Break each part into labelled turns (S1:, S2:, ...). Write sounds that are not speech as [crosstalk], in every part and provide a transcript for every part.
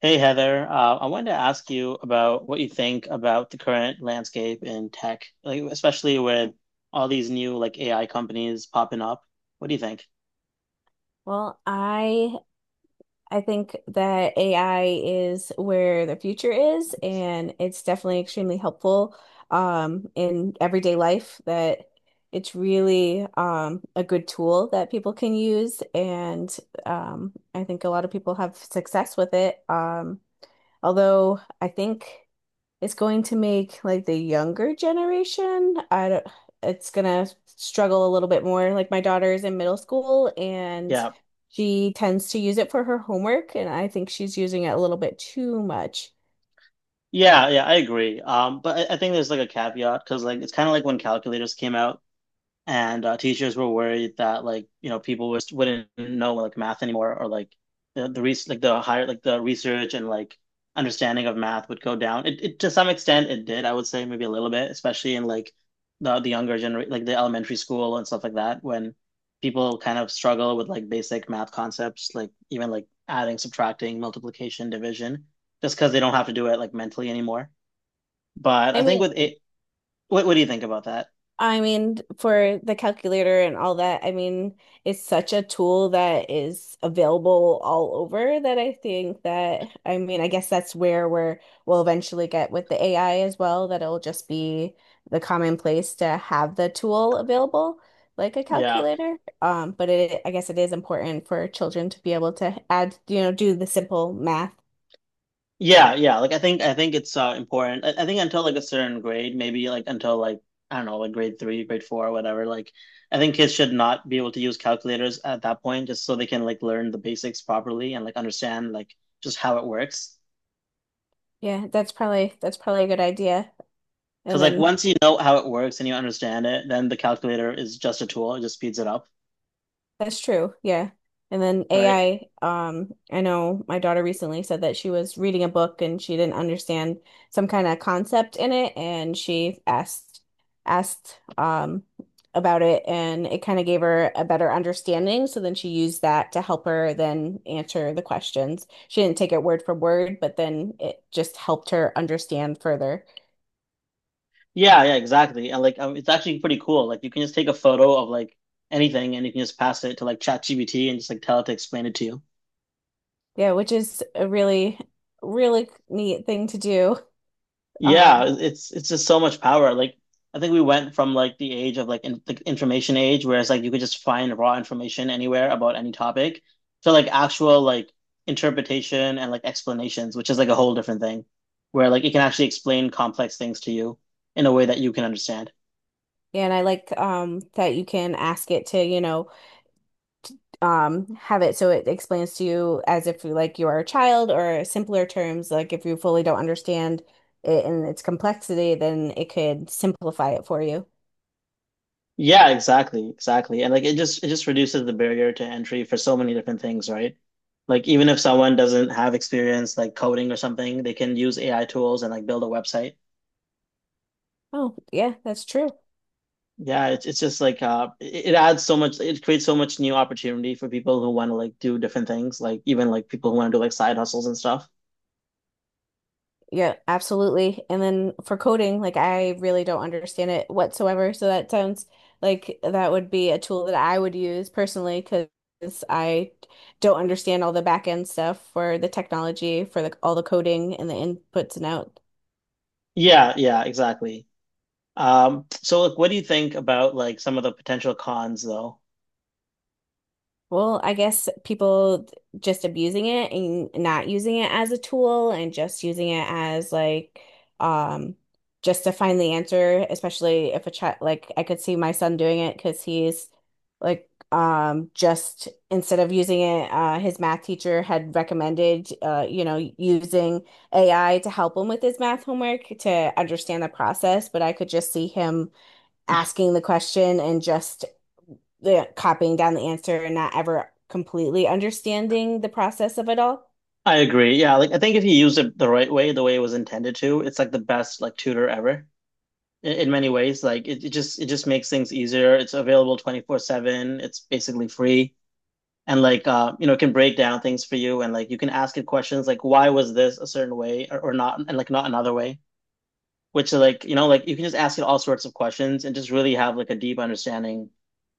S1: Hey Heather, I wanted to ask you about what you think about the current landscape in tech, like especially with all these new like AI companies popping up. What do you think?
S2: Well, I think that AI is where the future is, and it's definitely extremely helpful in everyday life. That It's really a good tool that people can use, and I think a lot of people have success with it. Although I think it's going to make like the younger generation, I don't, it's gonna struggle a little bit more. Like my daughter is in middle school and
S1: Yeah,
S2: she tends to use it for her homework, and I think she's using it a little bit too much.
S1: yeah, yeah, I agree. But I think there's like a caveat because like it's kind of like when calculators came out, and teachers were worried that like you know people was, wouldn't know like math anymore or like the res like the higher like the research and like understanding of math would go down. It to some extent it did, I would say maybe a little bit, especially in like the younger generation, like the elementary school and stuff like that, when people kind of struggle with like basic math concepts, like even like adding, subtracting, multiplication, division, just because they don't have to do it like mentally anymore. But
S2: I
S1: I think
S2: mean,
S1: with it, what do you think about that?
S2: for the calculator and all that, I mean, it's such a tool that is available all over that I mean, I guess that's where we'll eventually get with the AI as well, that it'll just be the commonplace to have the tool available, like a
S1: Yeah.
S2: calculator. But I guess it is important for children to be able to add, you know, do the simple math.
S1: Yeah, yeah. Like I think it's important. I think until like a certain grade, maybe like until like I don't know, like grade three, grade four, or whatever. Like I think kids should not be able to use calculators at that point, just so they can like learn the basics properly and like understand like just how it works.
S2: Yeah, that's probably a good idea. And
S1: Because like
S2: then
S1: once you know how it works and you understand it, then the calculator is just a tool. It just speeds it up,
S2: That's true. Yeah. And then
S1: right?
S2: AI, I know my daughter recently said that she was reading a book and she didn't understand some kind of concept in it and she asked about it and it kind of gave her a better understanding. So then she used that to help her then answer the questions. She didn't take it word for word, but then it just helped her understand further.
S1: Yeah, yeah, exactly. And like it's actually pretty cool. Like you can just take a photo of like anything and you can just pass it to like ChatGPT and just like tell it to explain it to you.
S2: Yeah, which is really neat thing to do.
S1: Yeah,
S2: Um,
S1: it's just so much power. Like I think we went from like the age of like the information age, where it's like you could just find raw information anywhere about any topic, to like actual like interpretation and like explanations, which is like a whole different thing, where like it can actually explain complex things to you in a way that you can understand.
S2: and I like that you can ask it to, you know, have it so it explains to you as if you like you are a child or simpler terms, like if you fully don't understand it and its complexity, then it could simplify it for you.
S1: Yeah, exactly, exactly. And like it just reduces the barrier to entry for so many different things, right? Like even if someone doesn't have experience like coding or something, they can use AI tools and like build a website.
S2: Oh, yeah, that's true.
S1: Yeah, it's just like it adds so much it creates so much new opportunity for people who want to like do different things, like even like people who want to do like side hustles and stuff.
S2: Yeah, absolutely. And then for coding, like I really don't understand it whatsoever. So that sounds like that would be a tool that I would use personally because I don't understand all the back end stuff for the technology, for the all the coding and the inputs and outs.
S1: Yeah, yeah, exactly. So like what do you think about like some of the potential cons though?
S2: Well, I guess people just abusing it and not using it as a tool and just using it as like um just to find the answer, especially if a child like I could see my son doing it because he's like just instead of using it his math teacher had recommended you know using AI to help him with his math homework to understand the process, but I could just see him asking the question and just the copying down the answer and not ever completely understanding the process of it all.
S1: I agree. Yeah, like I think if you use it the right way, the way it was intended to, it's like the best like tutor ever in many ways. Like it just makes things easier. It's available 24/7. It's basically free. And like you know, it can break down things for you, and like you can ask it questions like why was this a certain way or not, and like not another way. Which like you know, like you can just ask it all sorts of questions and just really have like a deep understanding.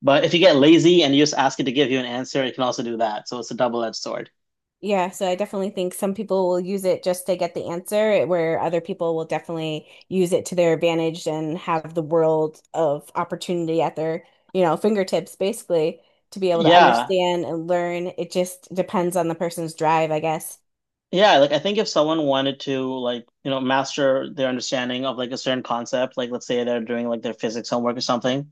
S1: But if you get lazy and you just ask it to give you an answer, it can also do that. So it's a double-edged sword.
S2: Yeah, so I definitely think some people will use it just to get the answer, where other people will definitely use it to their advantage and have the world of opportunity at their, you know, fingertips basically to be able to
S1: Yeah.
S2: understand and learn. It just depends on the person's drive, I guess.
S1: Yeah, like I think if someone wanted to like, you know, master their understanding of like a certain concept, like let's say they're doing like their physics homework or something.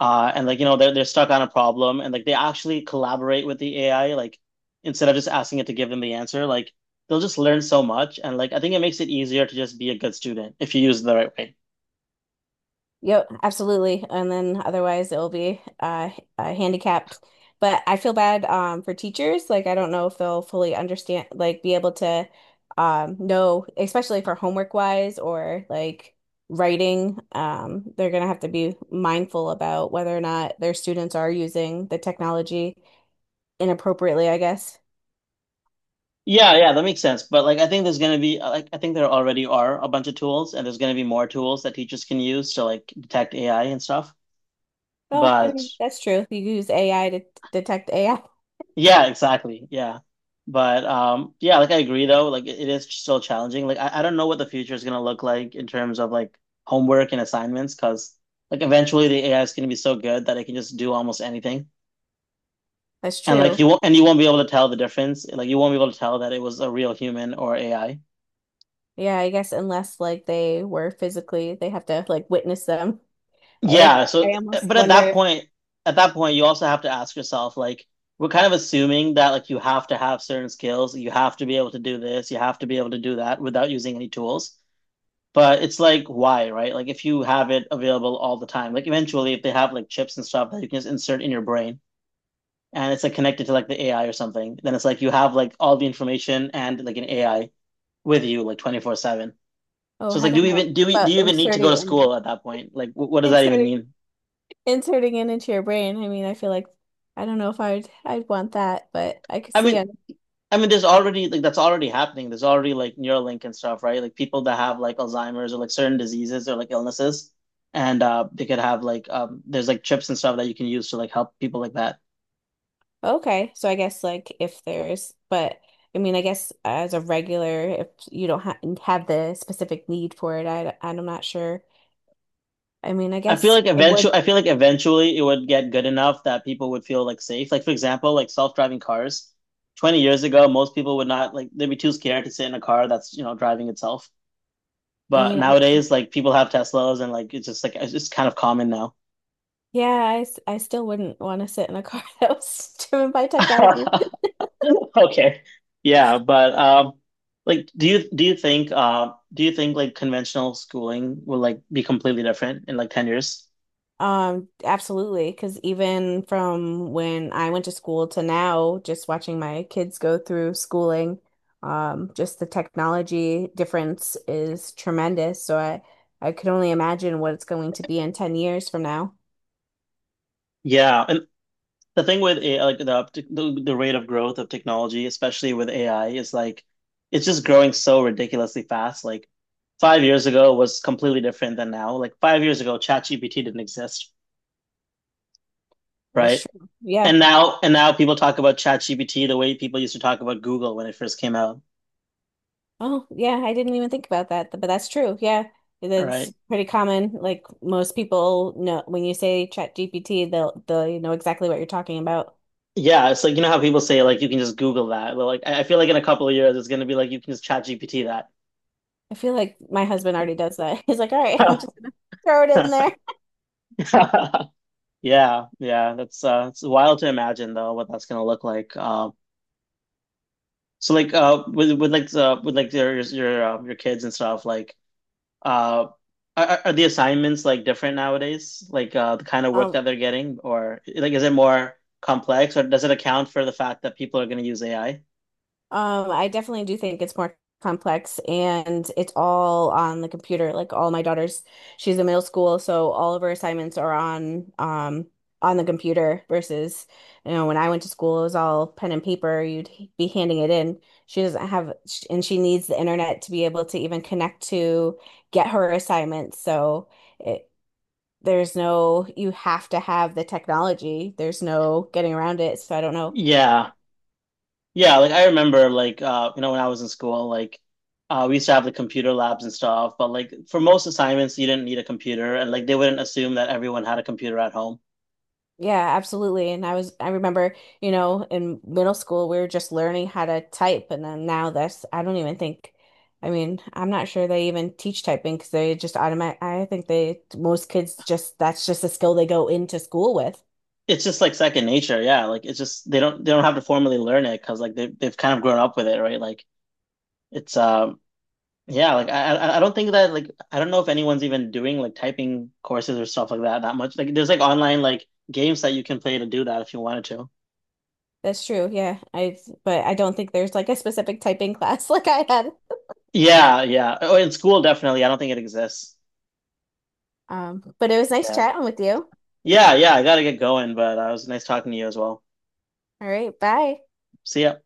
S1: And like you know they're stuck on a problem and like they actually collaborate with the AI like instead of just asking it to give them the answer like they'll just learn so much, and like I think it makes it easier to just be a good student if you use it the right way.
S2: Yep, absolutely. And then otherwise it'll be handicapped. But I feel bad for teachers. Like I don't know if they'll fully understand, like be able to know, especially for homework wise or like writing. They're gonna have to be mindful about whether or not their students are using the technology inappropriately, I guess.
S1: Yeah, yeah, that makes sense. But like I think there's gonna be like I think there already are a bunch of tools and there's gonna be more tools that teachers can use to like detect AI and stuff.
S2: Oh, I
S1: But
S2: mean, that's true. You use AI to detect AI.
S1: Yeah, exactly. Yeah. But yeah, like I agree though, like it is still challenging. Like I don't know what the future is gonna look like in terms of like homework and assignments because like eventually the AI is gonna be so good that it can just do almost anything.
S2: That's
S1: And like
S2: true.
S1: you won't, and you won't be able to tell the difference. Like you won't be able to tell that it was a real human or AI.
S2: Yeah, I guess unless like they were physically, they have to like witness them. I
S1: Yeah,
S2: I
S1: so
S2: almost
S1: but at
S2: wonder
S1: that
S2: if,
S1: point at that point you also have to ask yourself like we're kind of assuming that like you have to have certain skills, you have to be able to do this, you have to be able to do that without using any tools. But it's like, why, right? Like, if you have it available all the time, like, eventually, if they have like chips and stuff that you can just insert in your brain and it's like connected to like the AI or something, then it's like you have like all the information and like an AI with you like 24/7.
S2: oh,
S1: So it's
S2: I
S1: like, do
S2: don't
S1: we
S2: know
S1: even do we do
S2: about
S1: you even need to go
S2: inserting
S1: to
S2: and
S1: school at that point? Like, wh- what does that even
S2: inserting
S1: mean?
S2: inserting it into your brain. I mean, I feel like I don't know if I'd want that, but I could
S1: I
S2: see
S1: mean,
S2: it.
S1: I mean, there's already like that's already happening. There's already like Neuralink and stuff, right? Like people that have like Alzheimer's or like certain diseases or like illnesses, and they could have like there's like chips and stuff that you can use to like help people like that.
S2: Okay, so I guess like if there's, but I mean, I guess as a regular, if you don't ha have the specific need for it, I'm not sure. I mean, I
S1: I feel
S2: guess
S1: like
S2: it
S1: eventually,
S2: would.
S1: I feel like eventually it would get good enough that people would feel like safe. Like for example, like self-driving cars. 20 years ago, most people would not like they'd be too scared to sit in a car that's, you know, driving itself.
S2: I
S1: But
S2: mean, I,
S1: nowadays, like people have Teslas and like it's just kind of common now.
S2: yeah, I still wouldn't want to sit in a car [laughs] that was driven by technology.
S1: [laughs] Okay. Yeah, but like do you think like conventional schooling will like be completely different in like 10 years?
S2: Absolutely, because even from when I went to school to now, just watching my kids go through schooling, just the technology difference is tremendous. I could only imagine what it's going to be in 10 years from now.
S1: Yeah, and the thing with AI, like the rate of growth of technology, especially with AI, is like it's just growing so ridiculously fast. Like 5 years ago was completely different than now. Like 5 years ago, ChatGPT didn't exist,
S2: That's
S1: right?
S2: true. Yeah.
S1: And now people talk about ChatGPT the way people used to talk about Google when it first came out,
S2: Oh, yeah, I didn't even think about that, but that's true. Yeah. That's
S1: right?
S2: pretty common. Like most people know when you say Chat GPT, they'll know exactly what you're talking about.
S1: Yeah, it's like you know how people say like you can just Google that. Well, like I feel like in a couple of years it's gonna be like you can just ChatGPT
S2: I feel like my husband already does that. [laughs] He's like, all right, [laughs]
S1: that.
S2: I'm just gonna throw it in there.
S1: [laughs] Yeah, yeah, that's it's wild to imagine though what that's gonna look like. So like with like your kids and stuff like uh, are the assignments like different nowadays? Like the kind of work
S2: Um,
S1: that they're getting, or like is it more complex, or does it account for the fact that people are gonna use AI?
S2: I definitely do think it's more complex and it's all on the computer. Like all my daughters, she's in middle school, so all of her assignments are on the computer versus, you know, when I went to school, it was all pen and paper. You'd be handing it in. She doesn't have, and she needs the internet to be able to even connect to get her assignments. So. There's no, you have to have the technology. There's no getting around it. So I don't know.
S1: Yeah, yeah. Like I remember, like you know, when I was in school, like we used to have the computer labs and stuff, but like for most assignments, you didn't need a computer, and like they wouldn't assume that everyone had a computer at home.
S2: Yeah, absolutely. I remember, you know, in middle school, we were just learning how to type. And then now I don't even think, I mean, I'm not sure they even teach typing because they just automatic, I think they, most kids just, that's just a skill they go into school with.
S1: It's just like second nature. Yeah, like it's just they don't have to formally learn it because like they they've kind of grown up with it, right? Like it's yeah, like I don't think that like I don't know if anyone's even doing like typing courses or stuff like that that much. Like there's like online like games that you can play to do that if you wanted to.
S2: That's true. Yeah. But I don't think there's like a specific typing class [laughs] like I had.
S1: Yeah, yeah. Oh, in school definitely. I don't think it exists.
S2: But it was nice
S1: Yeah.
S2: chatting with you.
S1: Yeah, yeah. I gotta get going, but it was nice talking to you as well.
S2: All right. Bye.
S1: See ya.